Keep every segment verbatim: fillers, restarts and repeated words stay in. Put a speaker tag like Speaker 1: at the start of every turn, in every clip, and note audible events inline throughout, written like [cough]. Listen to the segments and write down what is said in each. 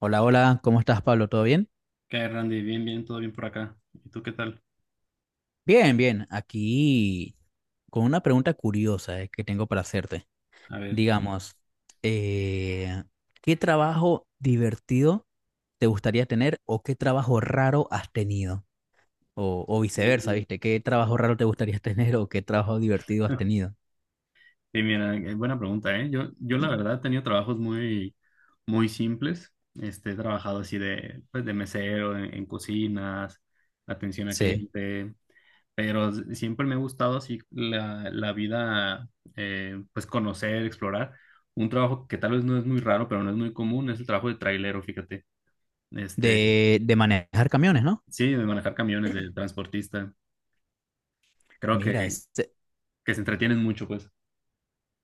Speaker 1: Hola, hola, ¿cómo estás, Pablo? ¿Todo bien?
Speaker 2: ¿Qué hay, Randy? Bien, bien, todo bien por acá. ¿Y tú qué tal?
Speaker 1: Bien, bien. Aquí con una pregunta curiosa eh, que tengo para hacerte.
Speaker 2: A ver.
Speaker 1: Digamos, eh, ¿qué trabajo divertido te gustaría tener o qué trabajo raro has tenido? O, o viceversa,
Speaker 2: Uy.
Speaker 1: ¿viste? ¿Qué trabajo raro te gustaría [laughs] tener o qué trabajo divertido has
Speaker 2: [laughs]
Speaker 1: tenido?
Speaker 2: Sí, mira, eh, buena pregunta, ¿eh? Yo, yo la verdad he tenido trabajos muy, muy simples. Este, he trabajado así de, pues, de mesero, en, en cocinas, atención al
Speaker 1: Sí.
Speaker 2: cliente, pero s- siempre me ha gustado así la, la vida, eh, pues conocer, explorar. Un trabajo que tal vez no es muy raro, pero no es muy común, es el trabajo de trailero, fíjate. Este,
Speaker 1: De, de manejar camiones, ¿no?
Speaker 2: sí, de manejar camiones, de transportista. Creo
Speaker 1: Mira,
Speaker 2: que,
Speaker 1: ese,
Speaker 2: que se entretienen mucho, pues.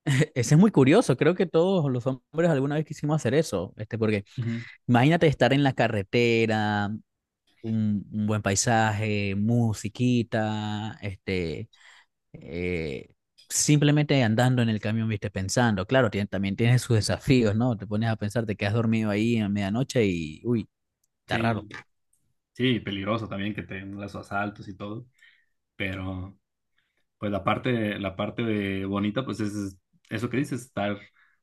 Speaker 1: [laughs] ese es muy curioso. Creo que todos los hombres alguna vez quisimos hacer eso, este, porque
Speaker 2: Ujú.
Speaker 1: imagínate estar en la carretera un, un buen paisaje, musiquita, este, eh, simplemente andando en el camión, viste, pensando. Claro, tiene- también tiene sus desafíos, ¿no? Te pones a pensar, te quedas dormido ahí a medianoche y, uy, está raro.
Speaker 2: Sí, sí, peligroso también que tengan los asaltos y todo, pero pues la parte, la parte de bonita pues es eso que dices, estar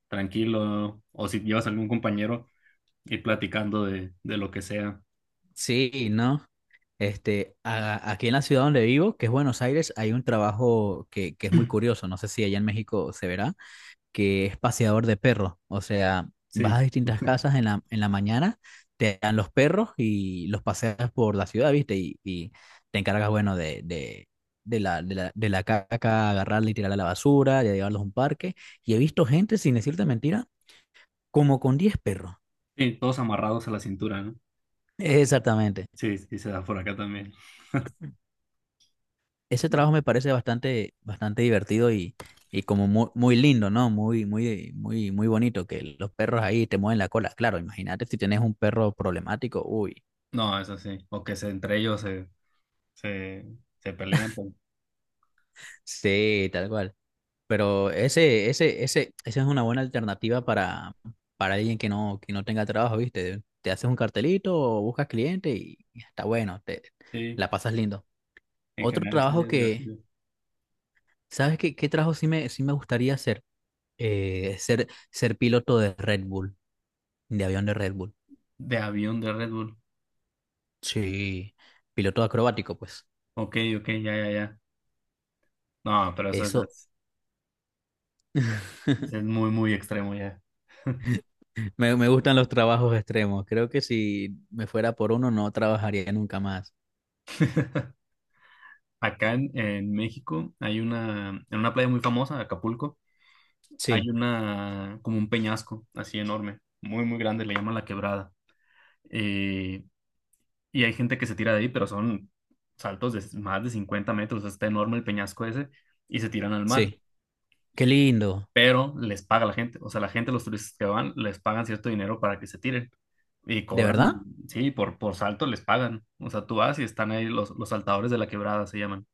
Speaker 2: tranquilo o si llevas algún compañero ir platicando de, de lo que sea.
Speaker 1: Sí, ¿no? Este, a- aquí en la ciudad donde vivo, que es Buenos Aires, hay un trabajo que, que es muy curioso. No sé si allá en México se verá, que es paseador de perros. O sea, vas
Speaker 2: Sí,
Speaker 1: a distintas casas en la, en la mañana, te dan los perros y los paseas por la ciudad, ¿viste? Y, y te encargas, bueno, de, de, de la, de la, de la caca, agarrarla y tirarla a la basura, de llevarlos a un parque. Y he visto gente, sin decirte mentira, como con diez perros.
Speaker 2: sí, todos amarrados a la cintura, ¿no?
Speaker 1: Exactamente.
Speaker 2: Sí, sí, se da por acá también.
Speaker 1: Ese
Speaker 2: No,
Speaker 1: trabajo me parece bastante, bastante divertido y, y como muy, muy lindo, ¿no? Muy, muy, muy, muy bonito que los perros ahí te mueven la cola. Claro, imagínate si tienes un perro problemático, uy.
Speaker 2: no, eso sí, o que se, entre ellos se, se, se pelean, pues.
Speaker 1: Sí, tal cual. Pero ese, ese, ese, esa es una buena alternativa para, para alguien que no, que no tenga trabajo, ¿viste? Te haces un cartelito o buscas cliente y está bueno, te
Speaker 2: Sí,
Speaker 1: la pasas lindo.
Speaker 2: en
Speaker 1: Otro
Speaker 2: general
Speaker 1: trabajo
Speaker 2: sería
Speaker 1: que,
Speaker 2: divertido.
Speaker 1: ¿sabes qué, qué trabajo sí me, sí me gustaría hacer? Eh, ser, ser piloto de Red Bull, de avión de Red Bull.
Speaker 2: De avión de Red Bull.
Speaker 1: Sí, piloto acrobático, pues.
Speaker 2: Ok, ok, ya, ya, ya. No, pero eso
Speaker 1: Eso,
Speaker 2: es...
Speaker 1: [laughs]
Speaker 2: Es muy, muy extremo ya.
Speaker 1: me, me gustan los trabajos extremos. Creo que si me fuera por uno, no trabajaría nunca más.
Speaker 2: Acá en, en México hay una, en una playa muy famosa, Acapulco, hay
Speaker 1: Sí,
Speaker 2: una, como un peñasco así enorme, muy, muy grande, le llaman La Quebrada. Eh, y hay gente que se tira de ahí, pero son saltos de más de cincuenta metros, está enorme el peñasco ese, y se tiran al mar.
Speaker 1: sí. Qué lindo.
Speaker 2: Pero les paga la gente, o sea, la gente, los turistas que van, les pagan cierto dinero para que se tiren. Y
Speaker 1: ¿De
Speaker 2: cobran,
Speaker 1: verdad?
Speaker 2: sí, por, por salto les pagan. O sea, tú vas y están ahí los, los saltadores de La Quebrada, se llaman.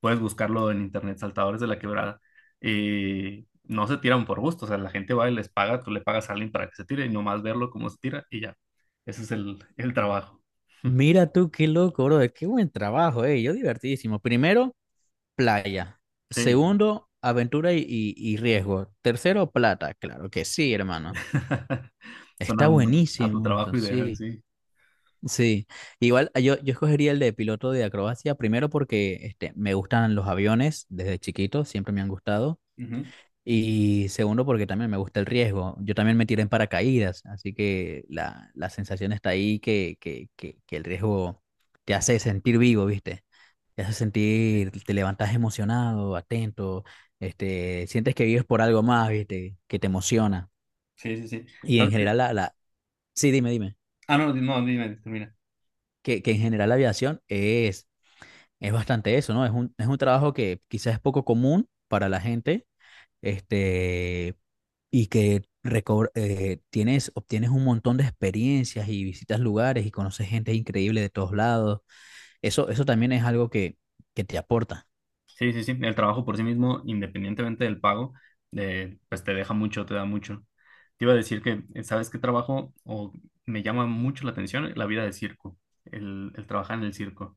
Speaker 2: Puedes buscarlo en internet, Saltadores de la Quebrada, eh, no se tiran por gusto, o sea, la gente va y les paga, tú le pagas a alguien para que se tire y nomás verlo cómo se tira y ya, ese es el, el trabajo.
Speaker 1: Mira tú, qué loco, bro. Qué buen trabajo, eh. Yo divertidísimo. Primero, playa.
Speaker 2: Sí,
Speaker 1: Segundo, aventura y, y- y riesgo. Tercero, plata. Claro que sí, hermano.
Speaker 2: [laughs] suena
Speaker 1: Está
Speaker 2: como a tu
Speaker 1: buenísimo eso,
Speaker 2: trabajo ideal,
Speaker 1: sí.
Speaker 2: sí.
Speaker 1: Sí. Igual ah, yo, yo escogería el de piloto de acrobacia, primero porque este, me gustan los aviones desde chiquito, siempre me han gustado.
Speaker 2: Ujú.
Speaker 1: Y segundo, porque también me gusta el riesgo. Yo también me tiré en paracaídas, así que la, la sensación está ahí que, que, que, que el riesgo te hace sentir vivo, ¿viste? Te hace
Speaker 2: Sí,
Speaker 1: sentir, te levantas emocionado, atento, este, sientes que vives por algo más, ¿viste? Que te emociona.
Speaker 2: sí, sí, sí.
Speaker 1: Y en
Speaker 2: ¿Sabes qué?
Speaker 1: general, la, la... sí, dime, dime,
Speaker 2: Ah, no, di- no, dime, termina.
Speaker 1: que, que en general la aviación es, es bastante eso, ¿no? Es un, es un trabajo que quizás es poco común para la gente, este, y que recobr- eh, tienes, obtienes un montón de experiencias y visitas lugares y conoces gente increíble de todos lados. Eso, eso también es algo que, que te aporta.
Speaker 2: Sí, sí, sí. El trabajo por sí mismo, independientemente del pago, de, pues te deja mucho, te da mucho. Te iba a decir que, eh, ¿sabes qué trabajo? O me llama mucho la atención la vida de circo, el, el trabajar en el circo.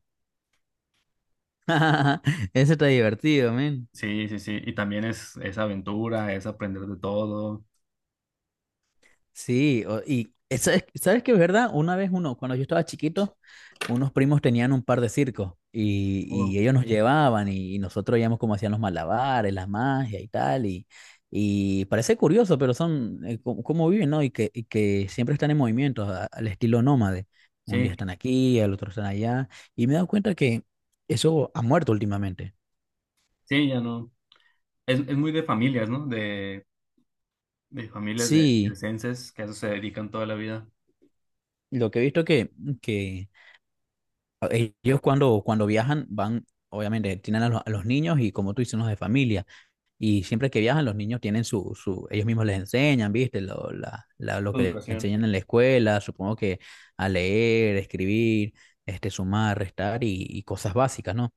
Speaker 1: [laughs] Eso está divertido,
Speaker 2: Sí, sí, sí. Y también es, es aventura, es aprender de todo.
Speaker 1: sí, o- y esa es- ¿sabes qué es verdad? Una vez uno, cuando yo estaba chiquito, unos primos tenían un par de circos y,
Speaker 2: Oh,
Speaker 1: y ellos nos llevaban y, y nosotros veíamos cómo hacían los malabares, las magias y tal. Y, y parece curioso, pero son eh, cómo, cómo viven, ¿no? Y que, y que siempre están en movimiento, a- al estilo nómade. Un día
Speaker 2: sí,
Speaker 1: están aquí, al otro están allá. Y me he dado cuenta que eso ha muerto últimamente.
Speaker 2: sí, ya no. Es, es muy de familias, ¿no? De, de familias de
Speaker 1: Sí,
Speaker 2: circenses que a eso se dedican toda la vida.
Speaker 1: lo que he visto que, que ellos cuando, cuando viajan van, obviamente, tienen a los, a los niños y como tú dices, los de familia. Y siempre que viajan, los niños tienen su, su ellos mismos les enseñan, ¿viste? Lo, la- la- lo que les
Speaker 2: Educación.
Speaker 1: enseñan en la escuela, supongo que a leer, escribir, este, sumar, restar y, y cosas básicas, ¿no?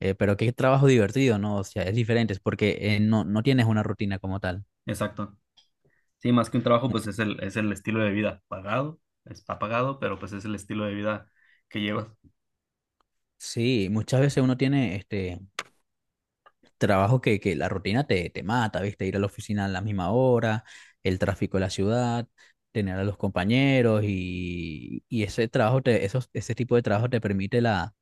Speaker 1: Eh, pero qué trabajo divertido, ¿no? O sea, es diferente, es porque eh, no, no tienes una rutina como tal.
Speaker 2: Exacto. Sí, más que un trabajo, pues es el, es el estilo de vida pagado, está pagado, pero pues es el estilo de vida que llevas.
Speaker 1: Sí, muchas veces uno tiene este, trabajo que, que la rutina te, te mata, ¿viste? Ir a la oficina a la misma hora, el tráfico de la ciudad, tener a los compañeros y, y ese trabajo, te, esos, ese tipo de trabajo te permite la,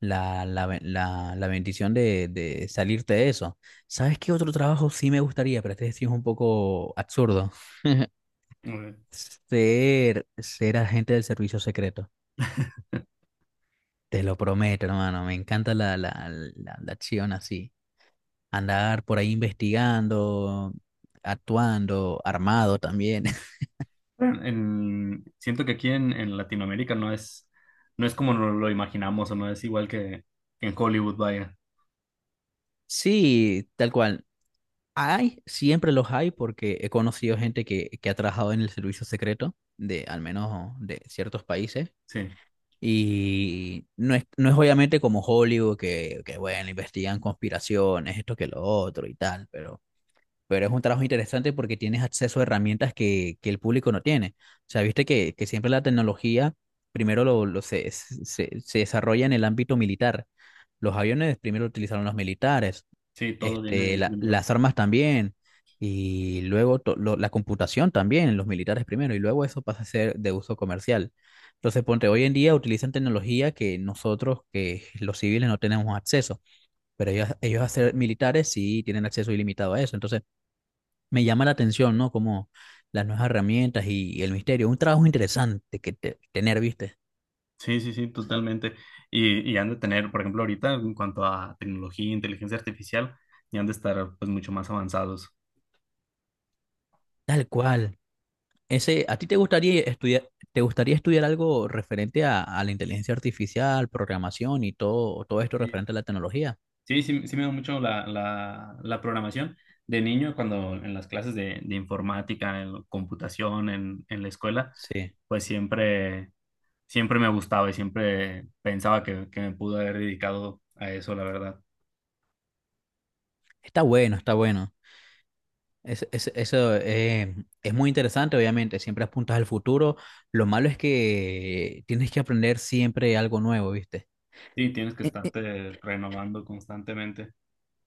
Speaker 1: la, la, ben- la, la bendición de, de salirte de eso. ¿Sabes qué otro trabajo sí me gustaría? Pero este sí es un poco absurdo. [laughs]
Speaker 2: Mm.
Speaker 1: Ser, ser agente del servicio secreto. Te lo prometo, hermano. Me encanta la, la, la, la acción así. Andar por ahí investigando, actuando, armado también. [laughs]
Speaker 2: Bueno, en- siento que aquí en, en Latinoamérica no es, no es como nos lo imaginamos o no es igual que, que en Hollywood, vaya.
Speaker 1: Sí, tal cual. Hay, siempre los hay porque he conocido gente que, que ha trabajado en el servicio secreto de al menos de ciertos países.
Speaker 2: Sí,
Speaker 1: Y no es, no es obviamente como Hollywood que, que bueno, investigan conspiraciones, esto que lo otro y tal, pero pero es un trabajo interesante porque tienes acceso a herramientas que, que el público no tiene. O sea, viste que, que siempre la tecnología primero lo, lo se, se, se desarrolla en el ámbito militar. Los aviones primero utilizaron los militares,
Speaker 2: sí, todo viene de
Speaker 1: este,
Speaker 2: ahí
Speaker 1: la-
Speaker 2: primero.
Speaker 1: las armas también, y luego to- lo- la computación también, los militares primero, y luego eso pasa a ser de uso comercial. Entonces, ponte, hoy en día utilizan tecnología que nosotros, que los civiles, no tenemos acceso, pero ellos, ellos a ser militares sí tienen acceso ilimitado a eso. Entonces, me llama la atención, ¿no? Como las nuevas herramientas y, el misterio. Un trabajo interesante que te- tener, ¿viste?
Speaker 2: Sí, sí, sí, totalmente. Y, y han de tener, por ejemplo, ahorita en cuanto a tecnología, inteligencia artificial, ya han de estar pues mucho más avanzados.
Speaker 1: Tal cual. Ese, ¿a ti te gustaría estudiar, te gustaría estudiar algo referente a, a la inteligencia artificial, programación y todo, todo esto
Speaker 2: Sí.
Speaker 1: referente a la tecnología?
Speaker 2: Sí, sí, sí me da mucho la, la, la programación. De niño, cuando en las clases de, de informática, en computación, en, en la escuela,
Speaker 1: Sí.
Speaker 2: pues siempre, siempre me gustaba y siempre pensaba que, que me pude haber dedicado a eso, la verdad.
Speaker 1: Está bueno, está bueno. Es- es- eso eh, es muy interesante, obviamente. Siempre apuntas al futuro. Lo malo es que tienes que aprender siempre algo nuevo, ¿viste?
Speaker 2: Sí, tienes que estarte renovando constantemente.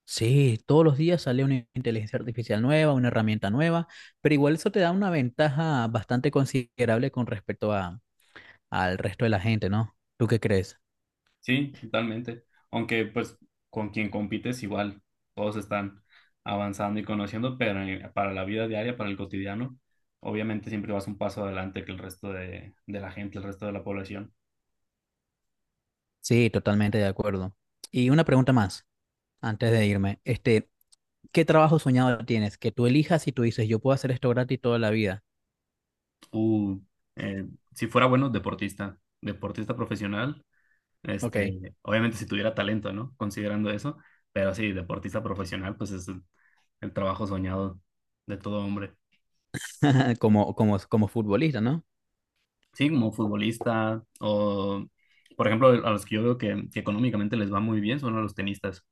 Speaker 1: Sí, todos los días sale una inteligencia artificial nueva, una herramienta nueva, pero igual eso te da una ventaja bastante considerable con respecto a, al resto de la gente, ¿no? ¿Tú qué crees?
Speaker 2: Sí, totalmente. Aunque pues con quien compites igual, todos están avanzando y conociendo, pero eh, para la vida diaria, para el cotidiano, obviamente siempre vas un paso adelante que el resto de, de la gente, el resto de la población.
Speaker 1: Sí, totalmente de acuerdo. Y una pregunta más, antes de irme. Este, ¿qué trabajo soñado tienes? Que tú elijas y tú dices, yo puedo hacer esto gratis toda la vida.
Speaker 2: Uh, eh, si fuera bueno, deportista, deportista profesional,
Speaker 1: Ok,
Speaker 2: este, obviamente si tuviera talento, ¿no? Considerando eso, pero sí, deportista profesional, pues es el el trabajo soñado de todo hombre.
Speaker 1: [laughs] como, como, como futbolista, ¿no?
Speaker 2: Sí, como futbolista o, por ejemplo, a los que yo veo que, que económicamente les va muy bien son a los tenistas.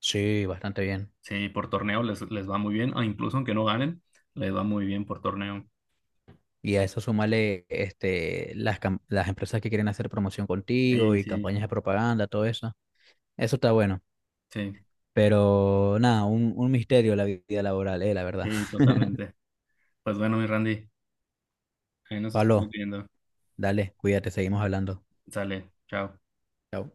Speaker 1: Sí, bastante bien.
Speaker 2: Sí, por torneo les, les va muy bien, o incluso aunque no ganen, les va muy bien por torneo.
Speaker 1: Y a eso súmale este, las, cam- las empresas que quieren hacer promoción contigo
Speaker 2: Sí,
Speaker 1: y
Speaker 2: sí,
Speaker 1: campañas de propaganda, todo eso. Eso está bueno.
Speaker 2: sí,
Speaker 1: Pero nada, un, un misterio la vida laboral, eh, la verdad.
Speaker 2: sí, totalmente. Pues bueno, mi Randy, ahí
Speaker 1: [laughs]
Speaker 2: nos estamos
Speaker 1: Pablo,
Speaker 2: viendo.
Speaker 1: dale, cuídate, seguimos hablando.
Speaker 2: Sale, chao.
Speaker 1: Chao.